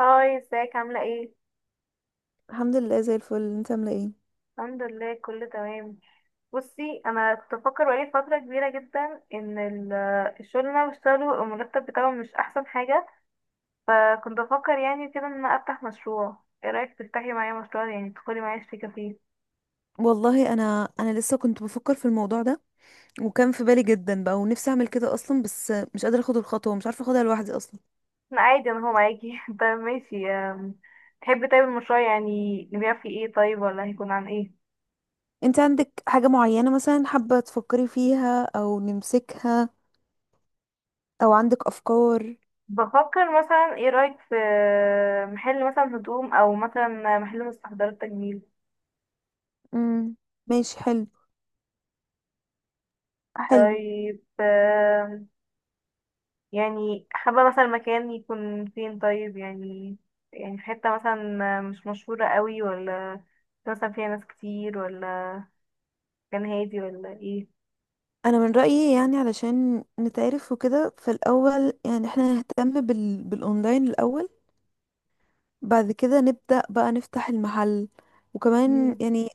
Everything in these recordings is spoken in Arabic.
هاي ازيك عاملة ايه؟ الحمد لله زي الفل. انت عامله ايه؟ الحمد لله، كله تمام. بصي، انا كنت بفكر بقالي فترة كبيرة جدا ان الشغل اللي انا بشتغله المرتب بتاعه مش احسن حاجة. فكنت بفكر يعني كده ان انا افتح مشروع. ايه رأيك تفتحي معايا مشروع، يعني تدخلي معايا شريكة فيه؟ والله انا لسه كنت بفكر في الموضوع ده، وكان في بالي جدا بقى ونفسي اعمل كده اصلا، بس مش قادره اخد الخطوه، مش عارفه اخدها لوحدي اصلا. انا عادي، انا هو معاكي. طيب ماشي. تحبي طيب المشروع يعني نبيع فيه ايه، طيب، ولا هيكون عن ايه؟ انت عندك حاجه معينه مثلا حابه تفكري فيها او نمسكها، او عندك افكار؟ بفكر مثلا، ايه رأيك في محل مثلا هدوم، او مثلا محل مستحضرات تجميل؟ امم ماشي، حلو حلو. طيب. يعني حابة مثلا مكان يكون فين طيب، يعني يعني في حتة مثلا مش مشهورة قوي، ولا مثلا فيها ناس كتير، ولا مكان هادي، ولا ايه؟ انا من رايي يعني علشان نتعرف وكده فالاول يعني احنا نهتم بالاونلاين الاول، بعد كده نبدأ بقى نفتح المحل، وكمان مم. يعني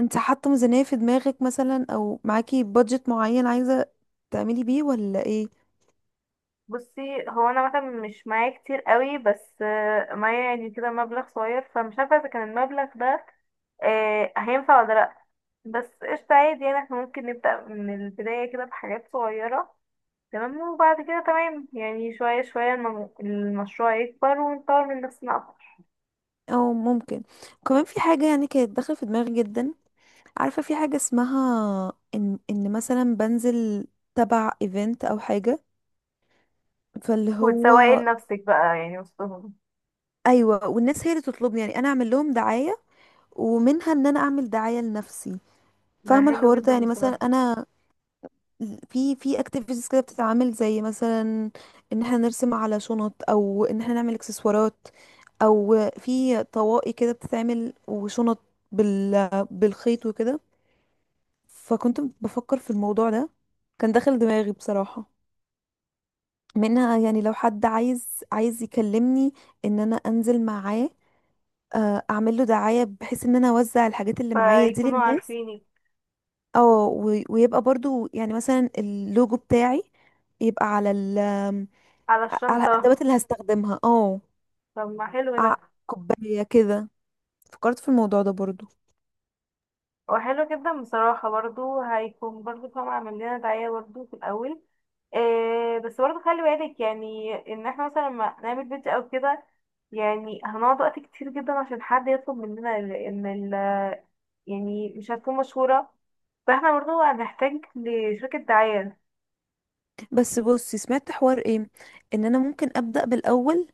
انت حاطة ميزانية في دماغك مثلا، او معاكي بادجت معين عايزة تعملي بيه ولا ايه؟ بصي، هو انا مثلا مش معايا كتير قوي، بس معايا يعني كده مبلغ صغير، فمش عارفة اذا كان المبلغ ده هينفع ولا لأ. بس قشطة، عادي، يعني احنا ممكن نبدأ من البداية كده بحاجات صغيرة. تمام، وبعد كده تمام، يعني شوية شوية المشروع يكبر ونطور من نفسنا أكتر. او ممكن. وكمان في حاجة يعني كانت داخلة في دماغي جدا. عارفة في حاجة اسمها ان مثلا بنزل تبع ايفنت او حاجة، فاللي هو وتسوقي لنفسك بقى، يعني وسطهم. ايوه، والناس هي اللي تطلبني، يعني انا اعمل لهم دعاية، ومنها ان انا اعمل دعاية لنفسي. ده فاهمة حلو الحوار ده، جدا يعني مثلا بصراحة. انا في اكتيفيتيز كده بتتعمل، زي مثلا ان احنا نرسم على شنط، او ان احنا نعمل اكسسوارات، او في طواقي كده بتتعمل وشنط بالخيط وكده. فكنت بفكر في الموضوع ده، كان داخل دماغي بصراحة. منها يعني لو حد عايز يكلمني ان انا انزل معاه، اعمل له دعاية بحيث ان انا اوزع الحاجات اللي معايا دي فيكونوا للناس. عارفينك. اه، ويبقى برضو يعني مثلا اللوجو بتاعي يبقى على على الادوات الشنطة. اللي هستخدمها، اه. طب ما حلو ع- ده. كوبايه كده، فكرت في الموضوع ده برضو. هو حلو جدا بصراحة، برضو هيكون برضو فاهمة عامل لنا دعاية برضو في الأول. إيه، بس برضو خلي بالك يعني ان احنا مثلا لما نعمل فيديو او كده، يعني هنقعد وقت كتير جدا عشان حد يطلب مننا ال- ان ال يعني مش هتكون مشهورة، فاحنا برضو هنحتاج لشركة دعاية. بس بصي، سمعت حوار ايه ان انا ممكن ابدا بالاول،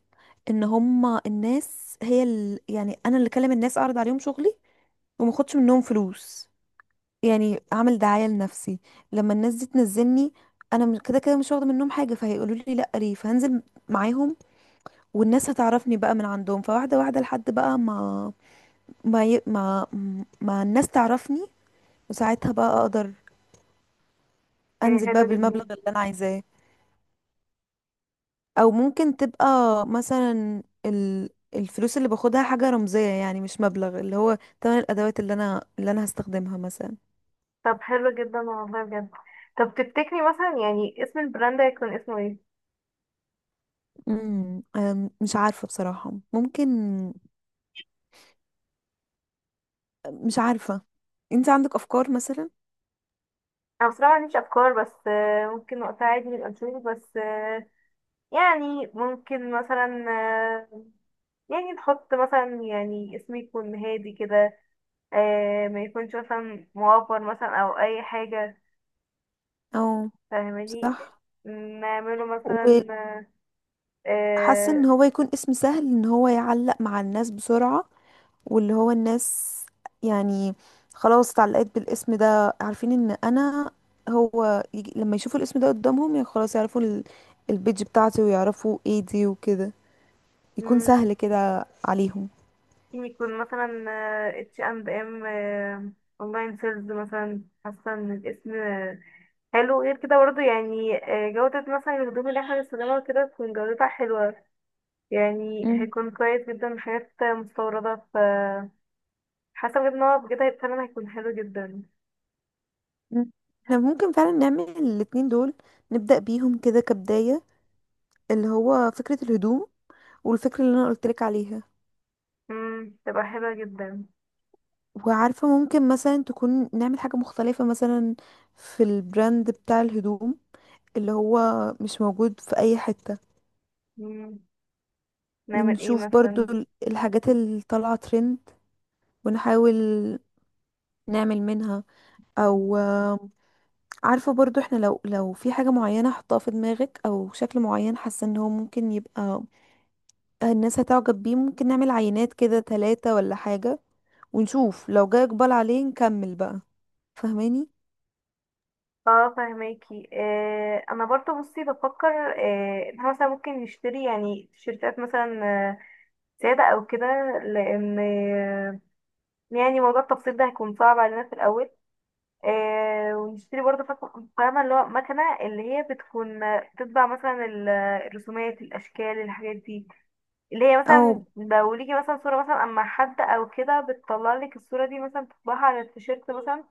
ان هما الناس هي يعني انا اللي اكلم الناس، اعرض عليهم شغلي وما اخدش منهم فلوس، يعني اعمل دعايه لنفسي. لما الناس دي تنزلني، انا كده كده مش واخده منهم حاجه، فهيقولوا لي لا ليه، فهنزل معاهم، والناس هتعرفني بقى من عندهم، فواحده واحده لحد بقى ما ما ي... ما ما الناس تعرفني، وساعتها بقى اقدر يعني انزل بقى حلو جدا. بالمبلغ اللي انا عايزاه. او ممكن تبقى مثلا الفلوس اللي باخدها حاجة رمزية، يعني مش مبلغ اللي هو تمن الادوات اللي انا هستخدمها مثلا. طب حلو جدا والله بجد. طب تفتكري مثلا يعني اسم البراند هيكون اسمه ايه؟ أم، مش عارفة بصراحة، ممكن. مش عارفة، انت عندك افكار مثلا؟ انا بصراحة ما عنديش افكار، بس ممكن وقتها عادي نبقى نشوف، بس يعني ممكن مثلا، يعني نحط مثلا يعني اسم يكون هادي كده، ما يكونش مثلا موفر مثلا او اي حاجة، او فاهماني؟ صح. نعمله مثلا. وحاسة آه، ان هو يكون اسم سهل، ان هو يعلق مع الناس بسرعة، واللي هو الناس يعني خلاص اتعلقت بالاسم ده، عارفين ان انا هو يجي لما يشوفوا الاسم ده قدامهم، يعني خلاص يعرفوا البيج بتاعتي، ويعرفوا ايه دي وكده، يكون مم، سهل كده عليهم. ممكن يكون مثلا اتش اند ام اونلاين سيلز مثلا. حاسه ان الاسم حلو، غير كده برضه يعني جودة مثلا الهدوم اللي احنا بنستخدمها كده تكون جودتها حلوة، يعني مم. هيكون كويس جدا، حاجات مستوردة ف. حاسة بجد ان هو بجد فعلا هيكون حلو جدا. مم. احنا ممكن فعلا نعمل الاتنين دول، نبدأ بيهم كده كبداية، اللي هو فكرة الهدوم، والفكرة اللي انا قلتلك عليها. مم، تبقى حلوة جدا. وعارفة ممكن مثلا تكون نعمل حاجة مختلفة مثلا في البراند بتاع الهدوم، اللي هو مش موجود في أي حتة. مم، نعمل ايه نشوف برضو مثلا؟ الحاجات اللي طالعة ترند، ونحاول نعمل منها، او آه، عارفة برضو احنا لو في حاجة معينة حطها في دماغك، او شكل معين، حاسة ان هو ممكن يبقى الناس هتعجب بيه، ممكن نعمل عينات كده ثلاثة ولا حاجة، ونشوف لو جاي اقبال عليه نكمل بقى، فاهماني. اه فهماكي. آه، انا برضو بصي بفكر، آه، ان احنا مثلا ممكن نشتري يعني تيشيرتات مثلا، آه، سادة او كده، لان آه، يعني موضوع التفصيل ده هيكون صعب علينا في الاول. آه، ونشتري برضو فاهمة اللي هو مكنة، اللي هي بتكون بتطبع مثلا الرسومات، الاشكال، الحاجات دي، اللي هي او مثلا لو ليكي مثلا صورة مثلا اما حد او كده، بتطلع لك الصورة دي مثلا تطبعها على التيشيرت مثلا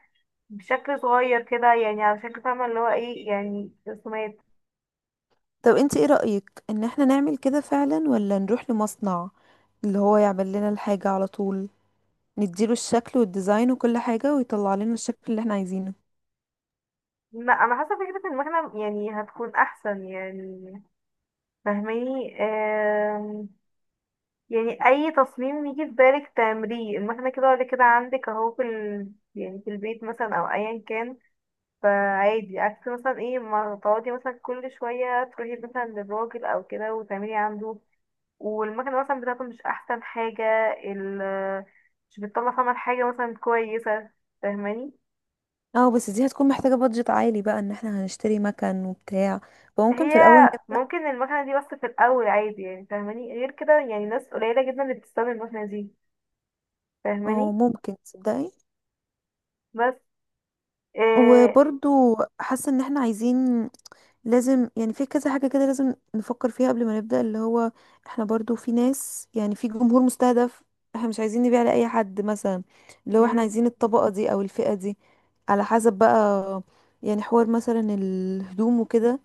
بشكل صغير كده، يعني على شكل، فاهمة اللي هو ايه، يعني رسومات. طب انت ايه رأيك ان احنا نعمل كده فعلا، ولا نروح لمصنع اللي هو يعمل لنا الحاجة على طول، نديله الشكل والديزاين وكل حاجة، ويطلع لنا الشكل اللي احنا عايزينه؟ لا، انا حاسه فكره المكنه يعني هتكون احسن يعني، فاهماني؟ يعني اي تصميم يجي في بالك تعمليه المكنه كده ولا كده، عندك اهو في ال... يعني في البيت مثلا او ايا كان. فعادي، عكس مثلا ايه ما تقعدي مثلا كل شويه تروحي مثلا للراجل او كده وتعملي عنده، والمكنه مثلا بتاعته مش احسن حاجه، ال... مش بتطلع فاهمه حاجه مثلا كويسه، فاهماني؟ اه، بس دي هتكون محتاجة بادجت عالي بقى، ان احنا هنشتري مكن وبتاع، فممكن في هي الاول نبدأ. ممكن المكنة دي بس في الأول، عادي يعني، فاهماني؟ غير كده يعني ناس قليلة جدا اللي بتستخدم المكنة دي، اه، فاهماني؟ ممكن تصدقي. بس إيه، وبرضو حاسة ان احنا عايزين، لازم يعني في كذا حاجة كده لازم نفكر فيها قبل ما نبدأ، اللي هو احنا برضو في ناس، يعني في جمهور مستهدف، احنا مش عايزين نبيع لأي حد مثلا، اللي هو احنا مم، عايزين الطبقة دي او الفئة دي، على حسب بقى. يعني حوار مثلا الهدوم وكده،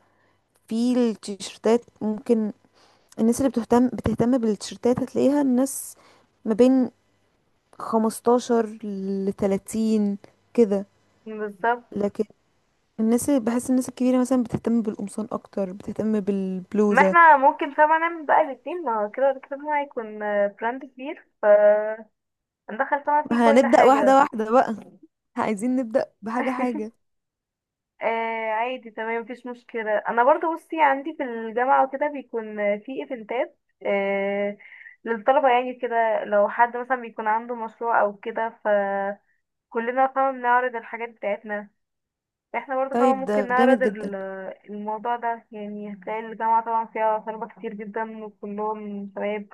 في التيشيرتات ممكن الناس اللي بتهتم بالتيشيرتات هتلاقيها، الناس ما بين 15 ل 30 كده. بالظبط. لكن بحس الناس الكبيرة مثلا بتهتم بالقمصان أكتر، بتهتم ما بالبلوزة. احنا ممكن طبعا نعمل بقى الاتنين، ما هو كده كده هو هيكون براند كبير، فندخل طبعا فيه ما كل هنبدأ واحدة حاجة. واحدة بقى، عايزين نبدأ بحاجة حاجة. آه، عادي تمام، مفيش مشكلة. أنا برضو بصي عندي في الجامعة وكده بيكون في ايفنتات، آه، للطلبة، يعني كده لو حد مثلا بيكون عنده مشروع أو كده، كلنا طبعا بنعرض الحاجات بتاعتنا. احنا برضه طبعا طيب، ممكن ده جامد نعرض جدا. الموضوع ده. يعني هتلاقي الجامعة طبعا فيها طلبة كتير جدا، وكلهم شباب،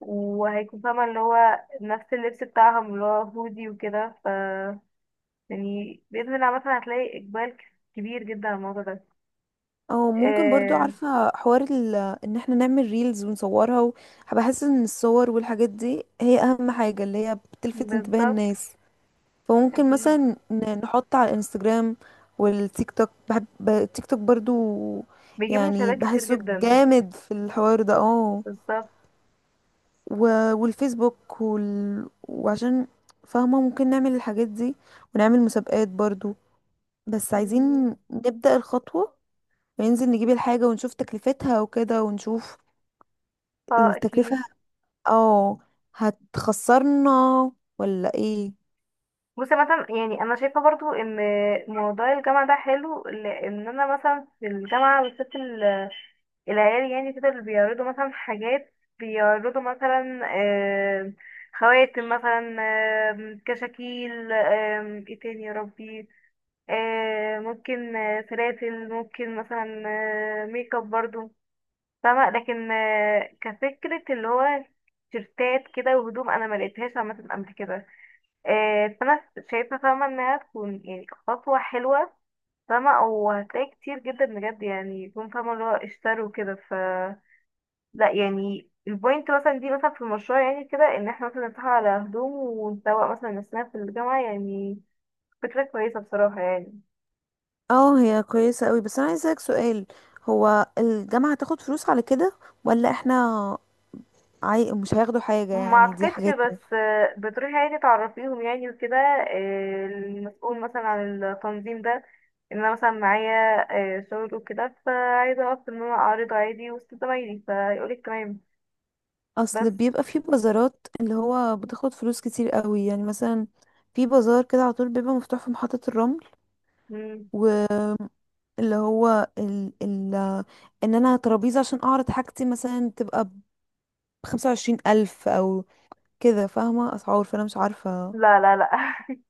وهيكون فاهمة اللي هو نفس اللبس بتاعهم اللي هو هودي وكده ف، يعني بإذن الله مثلا هتلاقي إقبال كبير جدا على الموضوع ده. او ممكن برضو آه. عارفة حوار ان احنا نعمل ريلز ونصورها بحس ان الصور والحاجات دي هي اهم حاجة، اللي هي بتلفت انتباه بالظبط. الناس، فممكن أكيد. مثلا نحط على الانستجرام والتيك توك، بحب التيك توك برضو، بيجيب يعني مشاهدات كتير بحسه جدا. جامد في الحوار ده، اه. بالظبط. والفيسبوك وعشان فاهمة، ممكن نعمل الحاجات دي، ونعمل مسابقات برضو. بس عايزين نبدأ الخطوة، وننزل نجيب الحاجة ونشوف تكلفتها وكده، ونشوف اه التكلفة أكيد. اه هتخسرنا ولا ايه. بصي مثلا، يعني انا شايفه برضو ان موضوع الجامعه ده حلو، لان انا مثلا في الجامعه بالذات العيال يعني كده، اللي بيعرضوا مثلا حاجات، بيعرضوا مثلا خواتم مثلا، كشاكيل، ايه تاني يا ربي، ممكن سلاسل، ممكن مثلا ميك اب برضو، فاهمة؟ لكن كفكرة اللي هو تيشيرتات كده وهدوم، انا ما لقيتهاش عامة قبل كده، فانا شايفه، فاهمه انها تكون يعني خطوه حلوه، فاهمه، وهتلاقي كتير جدا بجد، يعني يكون فاهمه اللي هو اشتروا كده ف. لا، يعني البوينت مثلا دي مثلا في المشروع، يعني كده ان احنا مثلا نتفق على هدوم ونسوق مثلا نفسنا في الجامعه، يعني فكره كويسه بصراحه يعني. اه، هي كويسة قوي، بس انا عايز اسألك سؤال، هو الجامعة هتاخد فلوس على كده ولا احنا مش هياخدوا حاجة ما يعني، دي اعتقدش، حاجاتنا؟ بس بتروحي عادي تعرفيهم يعني وكده، المسؤول مثلا عن التنظيم ده، ان انا مثلا معايا شغل وكده، فعايزه اعرف ان انا اعرض عادي وسط زمايلي، فيقولك تمام. اصل بس. بيبقى في بازارات اللي هو بتاخد فلوس كتير قوي، يعني مثلا في بازار كده على طول بيبقى مفتوح في محطة مم. الرمل، اللي هو ال ال ان انا ترابيزة عشان اعرض حاجتي مثلا تبقى بخمسة وعشرين الف او كده، فاهمة اسعار، فانا مش عارفة. لا، لا، لا.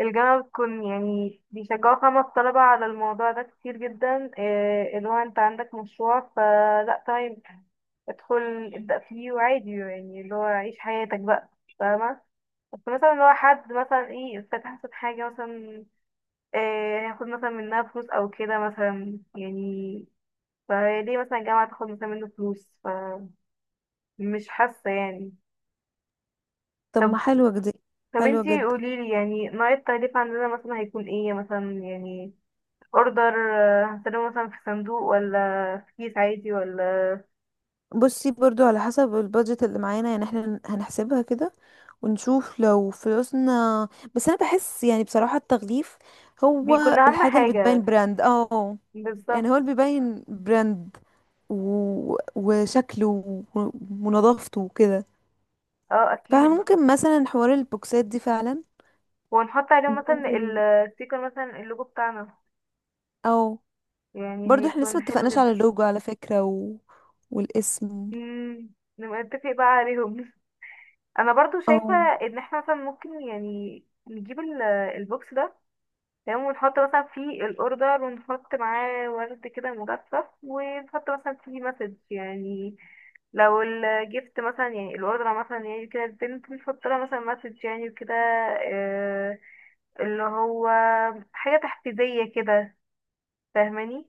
الجامعة بتكون يعني بيشجعوا خمس طلبة على الموضوع ده كتير جدا، اللي هو انت عندك مشروع فلا تمام، ادخل ابدأ فيه، وعادي يعني اللي هو عيش حياتك بقى، فاهمة؟ بس مثلا لو حد مثلا ايه فتح مثلا حاجة مثلا، آه، هياخد مثلا منها فلوس أو كده مثلا يعني، فليه مثلا الجامعة تاخد مثلا منه فلوس؟ فمش حاسة يعني. طب ما طب. حلوة جدا، طب حلوة انتي جدا. قوليلي، يعني نوع التغليف عندنا مثلا هيكون ايه مثلا، يعني اوردر هنسلمه مثلا في صندوق، ولا في كيس عادي، ولا؟ بصي، برضو على حسب البادجت اللي معانا، يعني احنا هنحسبها كده ونشوف لو فلوسنا. بس انا بحس يعني بصراحة التغليف هو بيكون أهم الحاجة اللي بتبين حاجة. براند، اه، يعني هو بالظبط. اللي بيبين براند وشكله ونظافته وكده، اه أكيد. فممكن مثلا حوار البوكسات دي فعلا ونحط عليه مثلا ننزل. الستيكر، مثلا اللوجو بتاعنا، او يعني برضو احنا لسه هيكون حلو متفقناش على جدا. اللوجو على فكرة، والاسم. مم، نبقى نتفق بقى عليهم. انا برضو او، شايفة ان احنا مثلا ممكن يعني نجيب البوكس ده، تمام، ونحط مثلا فيه الاوردر، ونحط معاه ورد كده مجفف، ونحط مثلا فيه مسج يعني، لو الجيفت مثلا يعني الاوردر مثلا يعني كده، البنت بنحط لها مثلا مسج يعني وكده، آه، اللي هو حاجة تحفيزية كده، فاهماني؟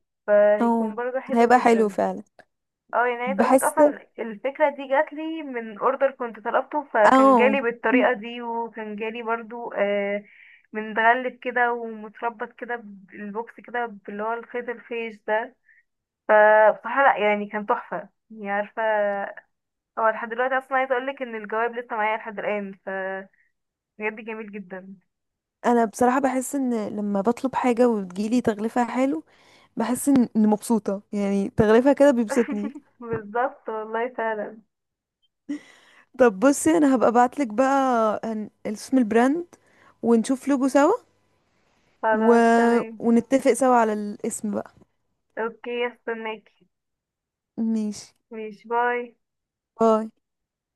او فهيكون برضه حلو هيبقى حلو جدا. فعلا. اه، يعني عايز اقولك بحس. اصلا الفكره دي جات لي من اوردر كنت طلبته، او فكان جالي بالطريقه دي، وكان جالي برضو متغلف كده ومتربط كده بالبوكس كده باللي هو الخيط الخيش ده. فبصراحه لا، يعني كان تحفه يعني، عارفه، هو لحد دلوقتي اصلا عايز اقولك ان الجواب لسه معايا لحد الان ف. بجد جميل جدا. انا بصراحة بحس ان لما بطلب حاجة وتجيلي تغليفها حلو، بحس إن مبسوطة، يعني تغليفها كده بيبسطني. بالظبط والله فعلا. طب بصي، انا هبقى ابعتلك بقى اسم البراند، ونشوف لوجو سوا، و... خلاص تمام. ونتفق سوا على الاسم بقى. اوكي استناكي. ماشي، ماشي، باي. باي.